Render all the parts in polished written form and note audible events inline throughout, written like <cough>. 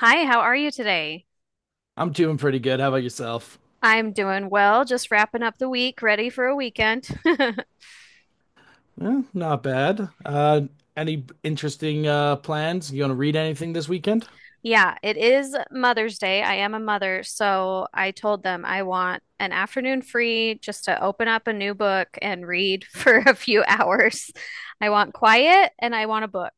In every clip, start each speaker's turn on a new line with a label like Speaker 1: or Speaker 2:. Speaker 1: Hi, how are you today?
Speaker 2: I'm doing pretty good. How about yourself?
Speaker 1: I'm doing well, just wrapping up the week, ready for a weekend. <laughs>
Speaker 2: Eh, not bad. Any interesting plans? You gonna read anything this weekend?
Speaker 1: Yeah, it is Mother's Day. I am a mother, so I told them I want an afternoon free just to open up a new book and read <laughs> for a few hours. I want quiet and I want a book.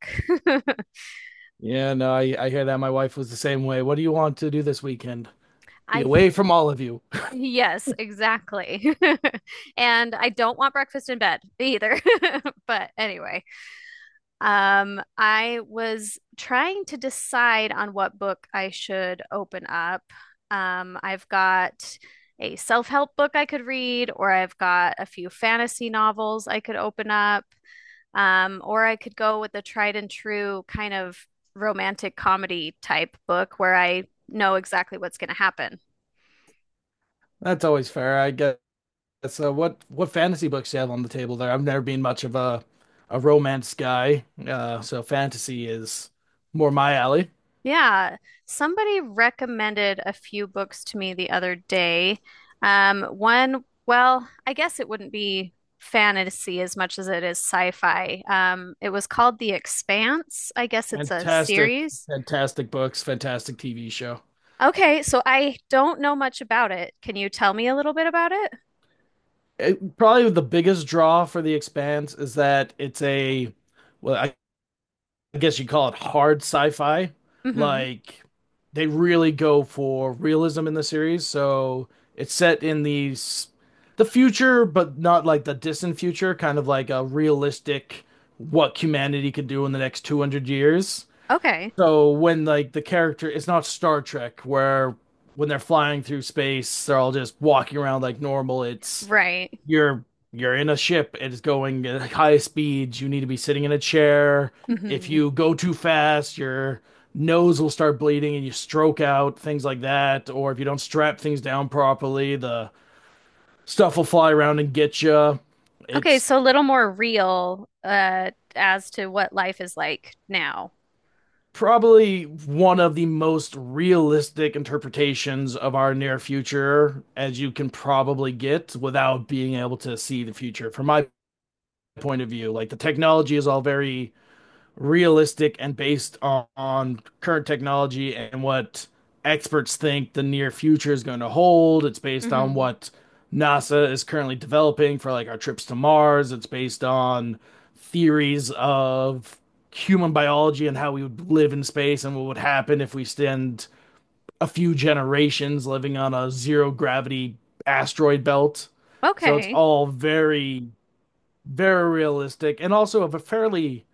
Speaker 2: Yeah, no, I hear that. My wife was the same way. What do you want to do this weekend?
Speaker 1: <laughs>
Speaker 2: Be
Speaker 1: I th-
Speaker 2: away from all of you.
Speaker 1: yes,
Speaker 2: <laughs>
Speaker 1: exactly. <laughs> And I don't want breakfast in bed either. <laughs> But anyway. I was trying to decide on what book I should open up. I've got a self-help book I could read, or I've got a few fantasy novels I could open up, or I could go with the tried and true kind of romantic comedy type book where I know exactly what's going to happen.
Speaker 2: That's always fair, I guess. So what fantasy books do you have on the table there? I've never been much of a romance guy, so fantasy is more my alley.
Speaker 1: Yeah, somebody recommended a few books to me the other day. One, well, I guess it wouldn't be fantasy as much as it is sci-fi. It was called The Expanse. I guess it's a
Speaker 2: Fantastic,
Speaker 1: series.
Speaker 2: fantastic books, fantastic TV show.
Speaker 1: Okay, so I don't know much about it. Can you tell me a little bit about it?
Speaker 2: It, probably the biggest draw for The Expanse is that it's a well, I guess you call it hard sci-fi.
Speaker 1: Mm-hmm.
Speaker 2: Like they really go for realism in the series, so it's set in the future, but not like the distant future, kind of like a realistic what humanity could do in the next 200 years.
Speaker 1: Okay.
Speaker 2: So when like the character, it's not Star Trek where when they're flying through space, they're all just walking around like normal. It's
Speaker 1: Right.
Speaker 2: you're you're in a ship. It's going at high speeds. You need to be sitting in a chair. If
Speaker 1: Mm-hmm.
Speaker 2: you go too fast, your nose will start bleeding and you stroke out, things like that. Or if you don't strap things down properly, the stuff will fly around and get you.
Speaker 1: Okay,
Speaker 2: It's
Speaker 1: so a little more real as to what life is like now.
Speaker 2: probably one of the most realistic interpretations of our near future as you can probably get without being able to see the future. From my point of view, like the technology is all very realistic and based on current technology and what experts think the near future is going to hold. It's based on
Speaker 1: Mm-hmm.
Speaker 2: what NASA is currently developing for like our trips to Mars. It's based on theories of human biology and how we would live in space and what would happen if we spend a few generations living on a zero gravity asteroid belt. So it's
Speaker 1: Okay.
Speaker 2: all very, very realistic and also of a fairly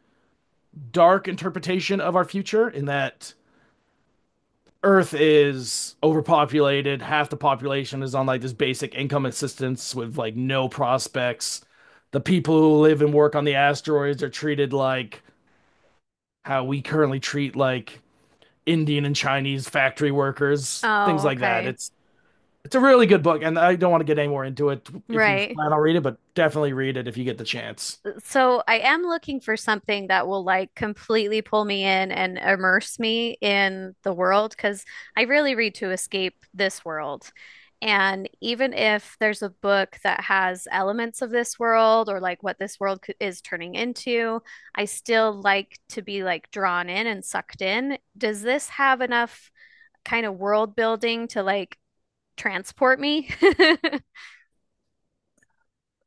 Speaker 2: dark interpretation of our future in that Earth is overpopulated, half the population is on like this basic income assistance with like no prospects. The people who live and work on the asteroids are treated like how we currently treat like Indian and Chinese factory workers, things
Speaker 1: Oh,
Speaker 2: like that.
Speaker 1: okay.
Speaker 2: It's a really good book, and I don't want to get any more into it if you
Speaker 1: Right.
Speaker 2: plan on reading it, but definitely read it if you get the chance.
Speaker 1: So I am looking for something that will like completely pull me in and immerse me in the world because I really read to escape this world. And even if there's a book that has elements of this world or like what this world is turning into, I still like to be like drawn in and sucked in. Does this have enough kind of world building to like transport me? <laughs>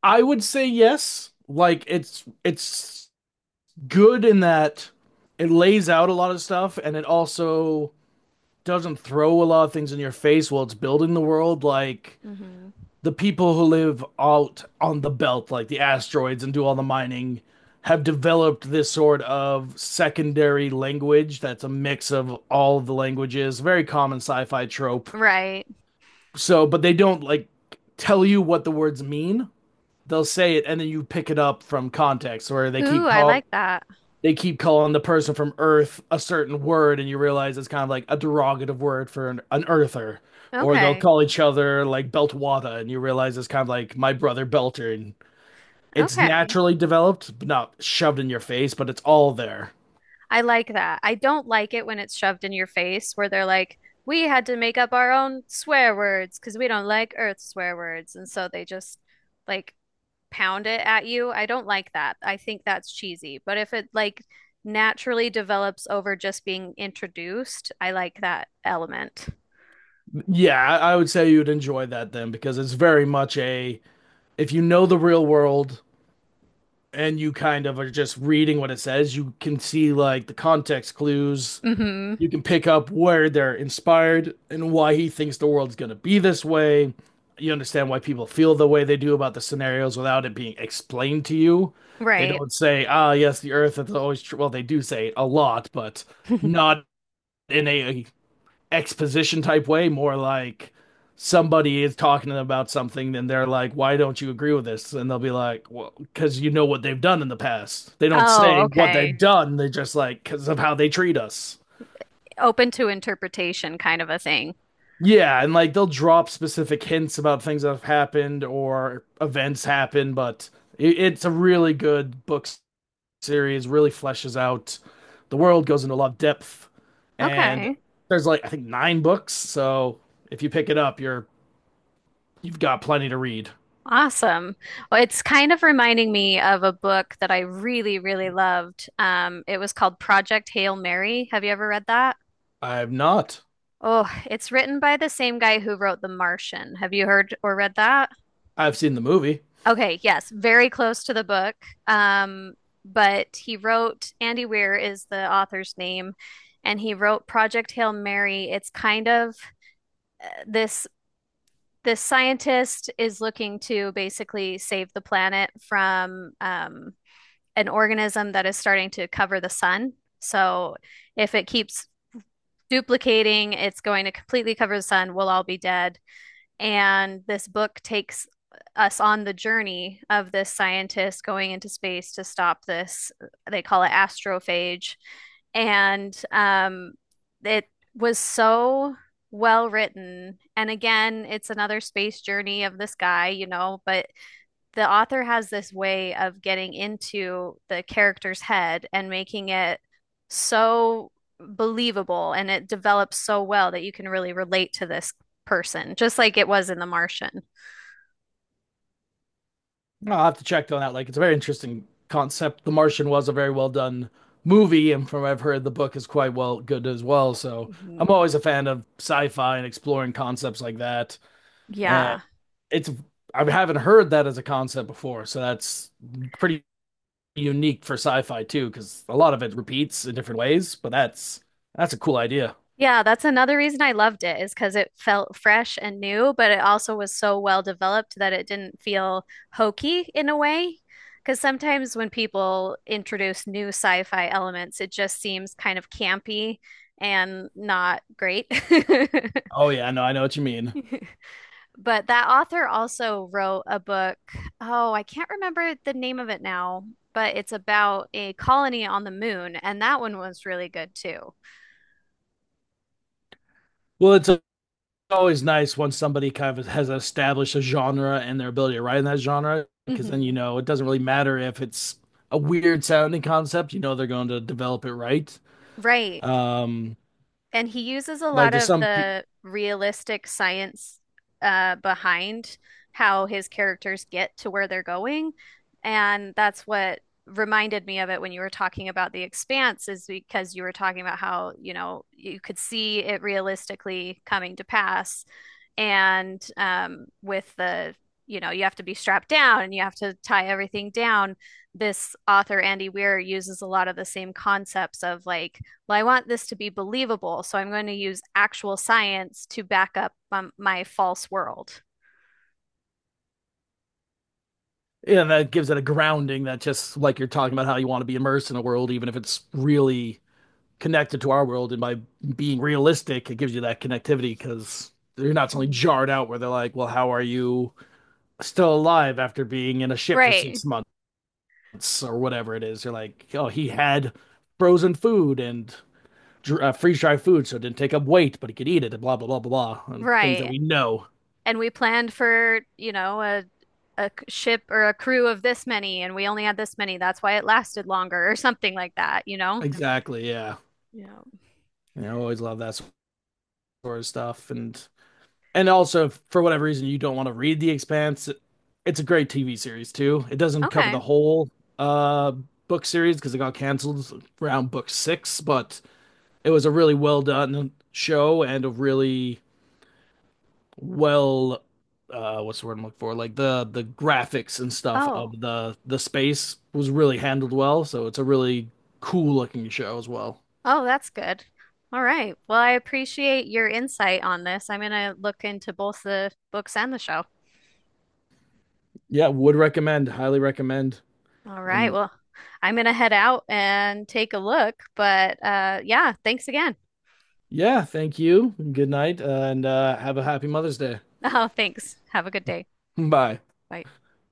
Speaker 2: I would say yes. Like it's good in that it lays out a lot of stuff and it also doesn't throw a lot of things in your face while it's building the world, like
Speaker 1: Hmm.
Speaker 2: the people who live out on the belt like the asteroids and do all the mining have developed this sort of secondary language that's a mix of all of the languages. Very common sci-fi trope,
Speaker 1: Right.
Speaker 2: so but they don't like tell you what the words mean. They'll say it and then you pick it up from context where they
Speaker 1: Ooh,
Speaker 2: keep
Speaker 1: I
Speaker 2: calling.
Speaker 1: like that.
Speaker 2: They keep calling the person from Earth a certain word, and you realize it's kind of like a derogative word for an Earther. Or they'll
Speaker 1: Okay.
Speaker 2: call each other like Beltwada, and you realize it's kind of like my brother Belter. And it's
Speaker 1: Okay.
Speaker 2: naturally developed, but not shoved in your face, but it's all there.
Speaker 1: I like that. I don't like it when it's shoved in your face where they're like, we had to make up our own swear words because we don't like Earth swear words. And so they just like pound it at you, I don't like that. I think that's cheesy. But if it like naturally develops over just being introduced, I like that element.
Speaker 2: Yeah, I would say you'd enjoy that then because it's very much a if you know the real world and you kind of are just reading what it says, you can see like the context clues.
Speaker 1: Hmm.
Speaker 2: You can pick up where they're inspired and why he thinks the world's going to be this way. You understand why people feel the way they do about the scenarios without it being explained to you. They
Speaker 1: Right.
Speaker 2: don't say, "Ah, yes, the Earth is always true." Well, they do say it a lot, but
Speaker 1: <laughs>
Speaker 2: not in a exposition type way. More like somebody is talking to them about something, and they're like, "Why don't you agree with this?" And they'll be like, "Well, because you know what they've done in the past." They don't
Speaker 1: Oh,
Speaker 2: say what
Speaker 1: okay.
Speaker 2: they've done. They're just like, "Because of how they treat us."
Speaker 1: Open to interpretation kind of a thing.
Speaker 2: Yeah, and like they'll drop specific hints about things that have happened or events happen, but it's a really good book series, really fleshes out the world, goes into a lot of depth, and
Speaker 1: Okay.
Speaker 2: there's like I think nine books, so if you pick it up, you've got plenty to read.
Speaker 1: Awesome. Well, it's kind of reminding me of a book that I really, really loved. It was called Project Hail Mary. Have you ever read that?
Speaker 2: I've not.
Speaker 1: Oh, it's written by the same guy who wrote The Martian. Have you heard or read that?
Speaker 2: I've seen the movie.
Speaker 1: Okay, yes, very close to the book. Um, but he wrote, Andy Weir is the author's name, and he wrote Project Hail Mary. It's kind of this this scientist is looking to basically save the planet from an organism that is starting to cover the sun. So if it keeps duplicating, it's going to completely cover the sun. We'll all be dead. And this book takes us on the journey of this scientist going into space to stop this. They call it astrophage. And it was so well written. And again, it's another space journey of this guy, you know, but the author has this way of getting into the character's head and making it so believable and it develops so well that you can really relate to this person, just like it was in The Martian.
Speaker 2: I'll have to check on that. Like, it's a very interesting concept. The Martian was a very well done movie, and from what I've heard, the book is quite well good as well. So I'm
Speaker 1: Mhm.
Speaker 2: always a fan of sci-fi and exploring concepts like that. And
Speaker 1: Yeah.
Speaker 2: it's I haven't heard that as a concept before, so that's pretty unique for sci-fi too, because a lot of it repeats in different ways. But that's a cool idea.
Speaker 1: Yeah, that's another reason I loved it is because it felt fresh and new, but it also was so well developed that it didn't feel hokey in a way. Because sometimes when people introduce new sci-fi elements, it just seems kind of campy and not great.
Speaker 2: Oh yeah, no, I know what you mean.
Speaker 1: <laughs> But that author also wrote a book. Oh, I can't remember the name of it now, but it's about a colony on the moon, and that one was really good too.
Speaker 2: Well, it's a always nice when somebody kind of has established a genre and their ability to write in that genre, because then you
Speaker 1: Hmm.
Speaker 2: know it doesn't really matter if it's a weird sounding concept. You know they're going to develop it right.
Speaker 1: Right.
Speaker 2: Um,
Speaker 1: And he uses a
Speaker 2: like
Speaker 1: lot
Speaker 2: there's
Speaker 1: of
Speaker 2: some people,
Speaker 1: the realistic science behind how his characters get to where they're going. And that's what reminded me of it when you were talking about The Expanse, is because you were talking about how, you know, you could see it realistically coming to pass. And with you know, you have to be strapped down and you have to tie everything down. This author, Andy Weir, uses a lot of the same concepts of like, well, I want this to be believable, so I'm going to use actual science to back up my false world.
Speaker 2: yeah, that gives it a grounding that just like you're talking about how you want to be immersed in a world, even if it's really connected to our world. And by being realistic, it gives you that connectivity because you're not suddenly
Speaker 1: Mhm.
Speaker 2: jarred out where they're like, well, how are you still alive after being in a ship for
Speaker 1: Right,
Speaker 2: 6 months? Or whatever it is. You're like, oh, he had frozen food and freeze dried food, so it didn't take up weight, but he could eat it and blah, blah, blah, blah, blah. And things that
Speaker 1: right.
Speaker 2: we know.
Speaker 1: And we planned for, you know, a ship or a crew of this many, and we only had this many. That's why it lasted longer, or something like that, you know?
Speaker 2: Exactly. Yeah.
Speaker 1: Yeah.
Speaker 2: You know, I always love that sort of stuff. And also, if for whatever reason, you don't want to read The Expanse, it's a great TV series too. It doesn't cover the
Speaker 1: Okay.
Speaker 2: whole uh, book series because it got canceled around book six, but it was a really well done show and a really well what's the word I'm looking for? Like the graphics and stuff
Speaker 1: Oh,
Speaker 2: of the space was really handled well, so it's a really cool looking show as well.
Speaker 1: oh, that's good. All right. Well, I appreciate your insight on this. I'm going to look into both the books and the show.
Speaker 2: Yeah, would recommend, highly recommend.
Speaker 1: All right.
Speaker 2: And
Speaker 1: Well, I'm gonna head out and take a look, but yeah, thanks again. <laughs>
Speaker 2: yeah, thank you. Good night, and have a happy Mother's Day.
Speaker 1: Oh, thanks. Have a good day.
Speaker 2: Bye.
Speaker 1: Bye.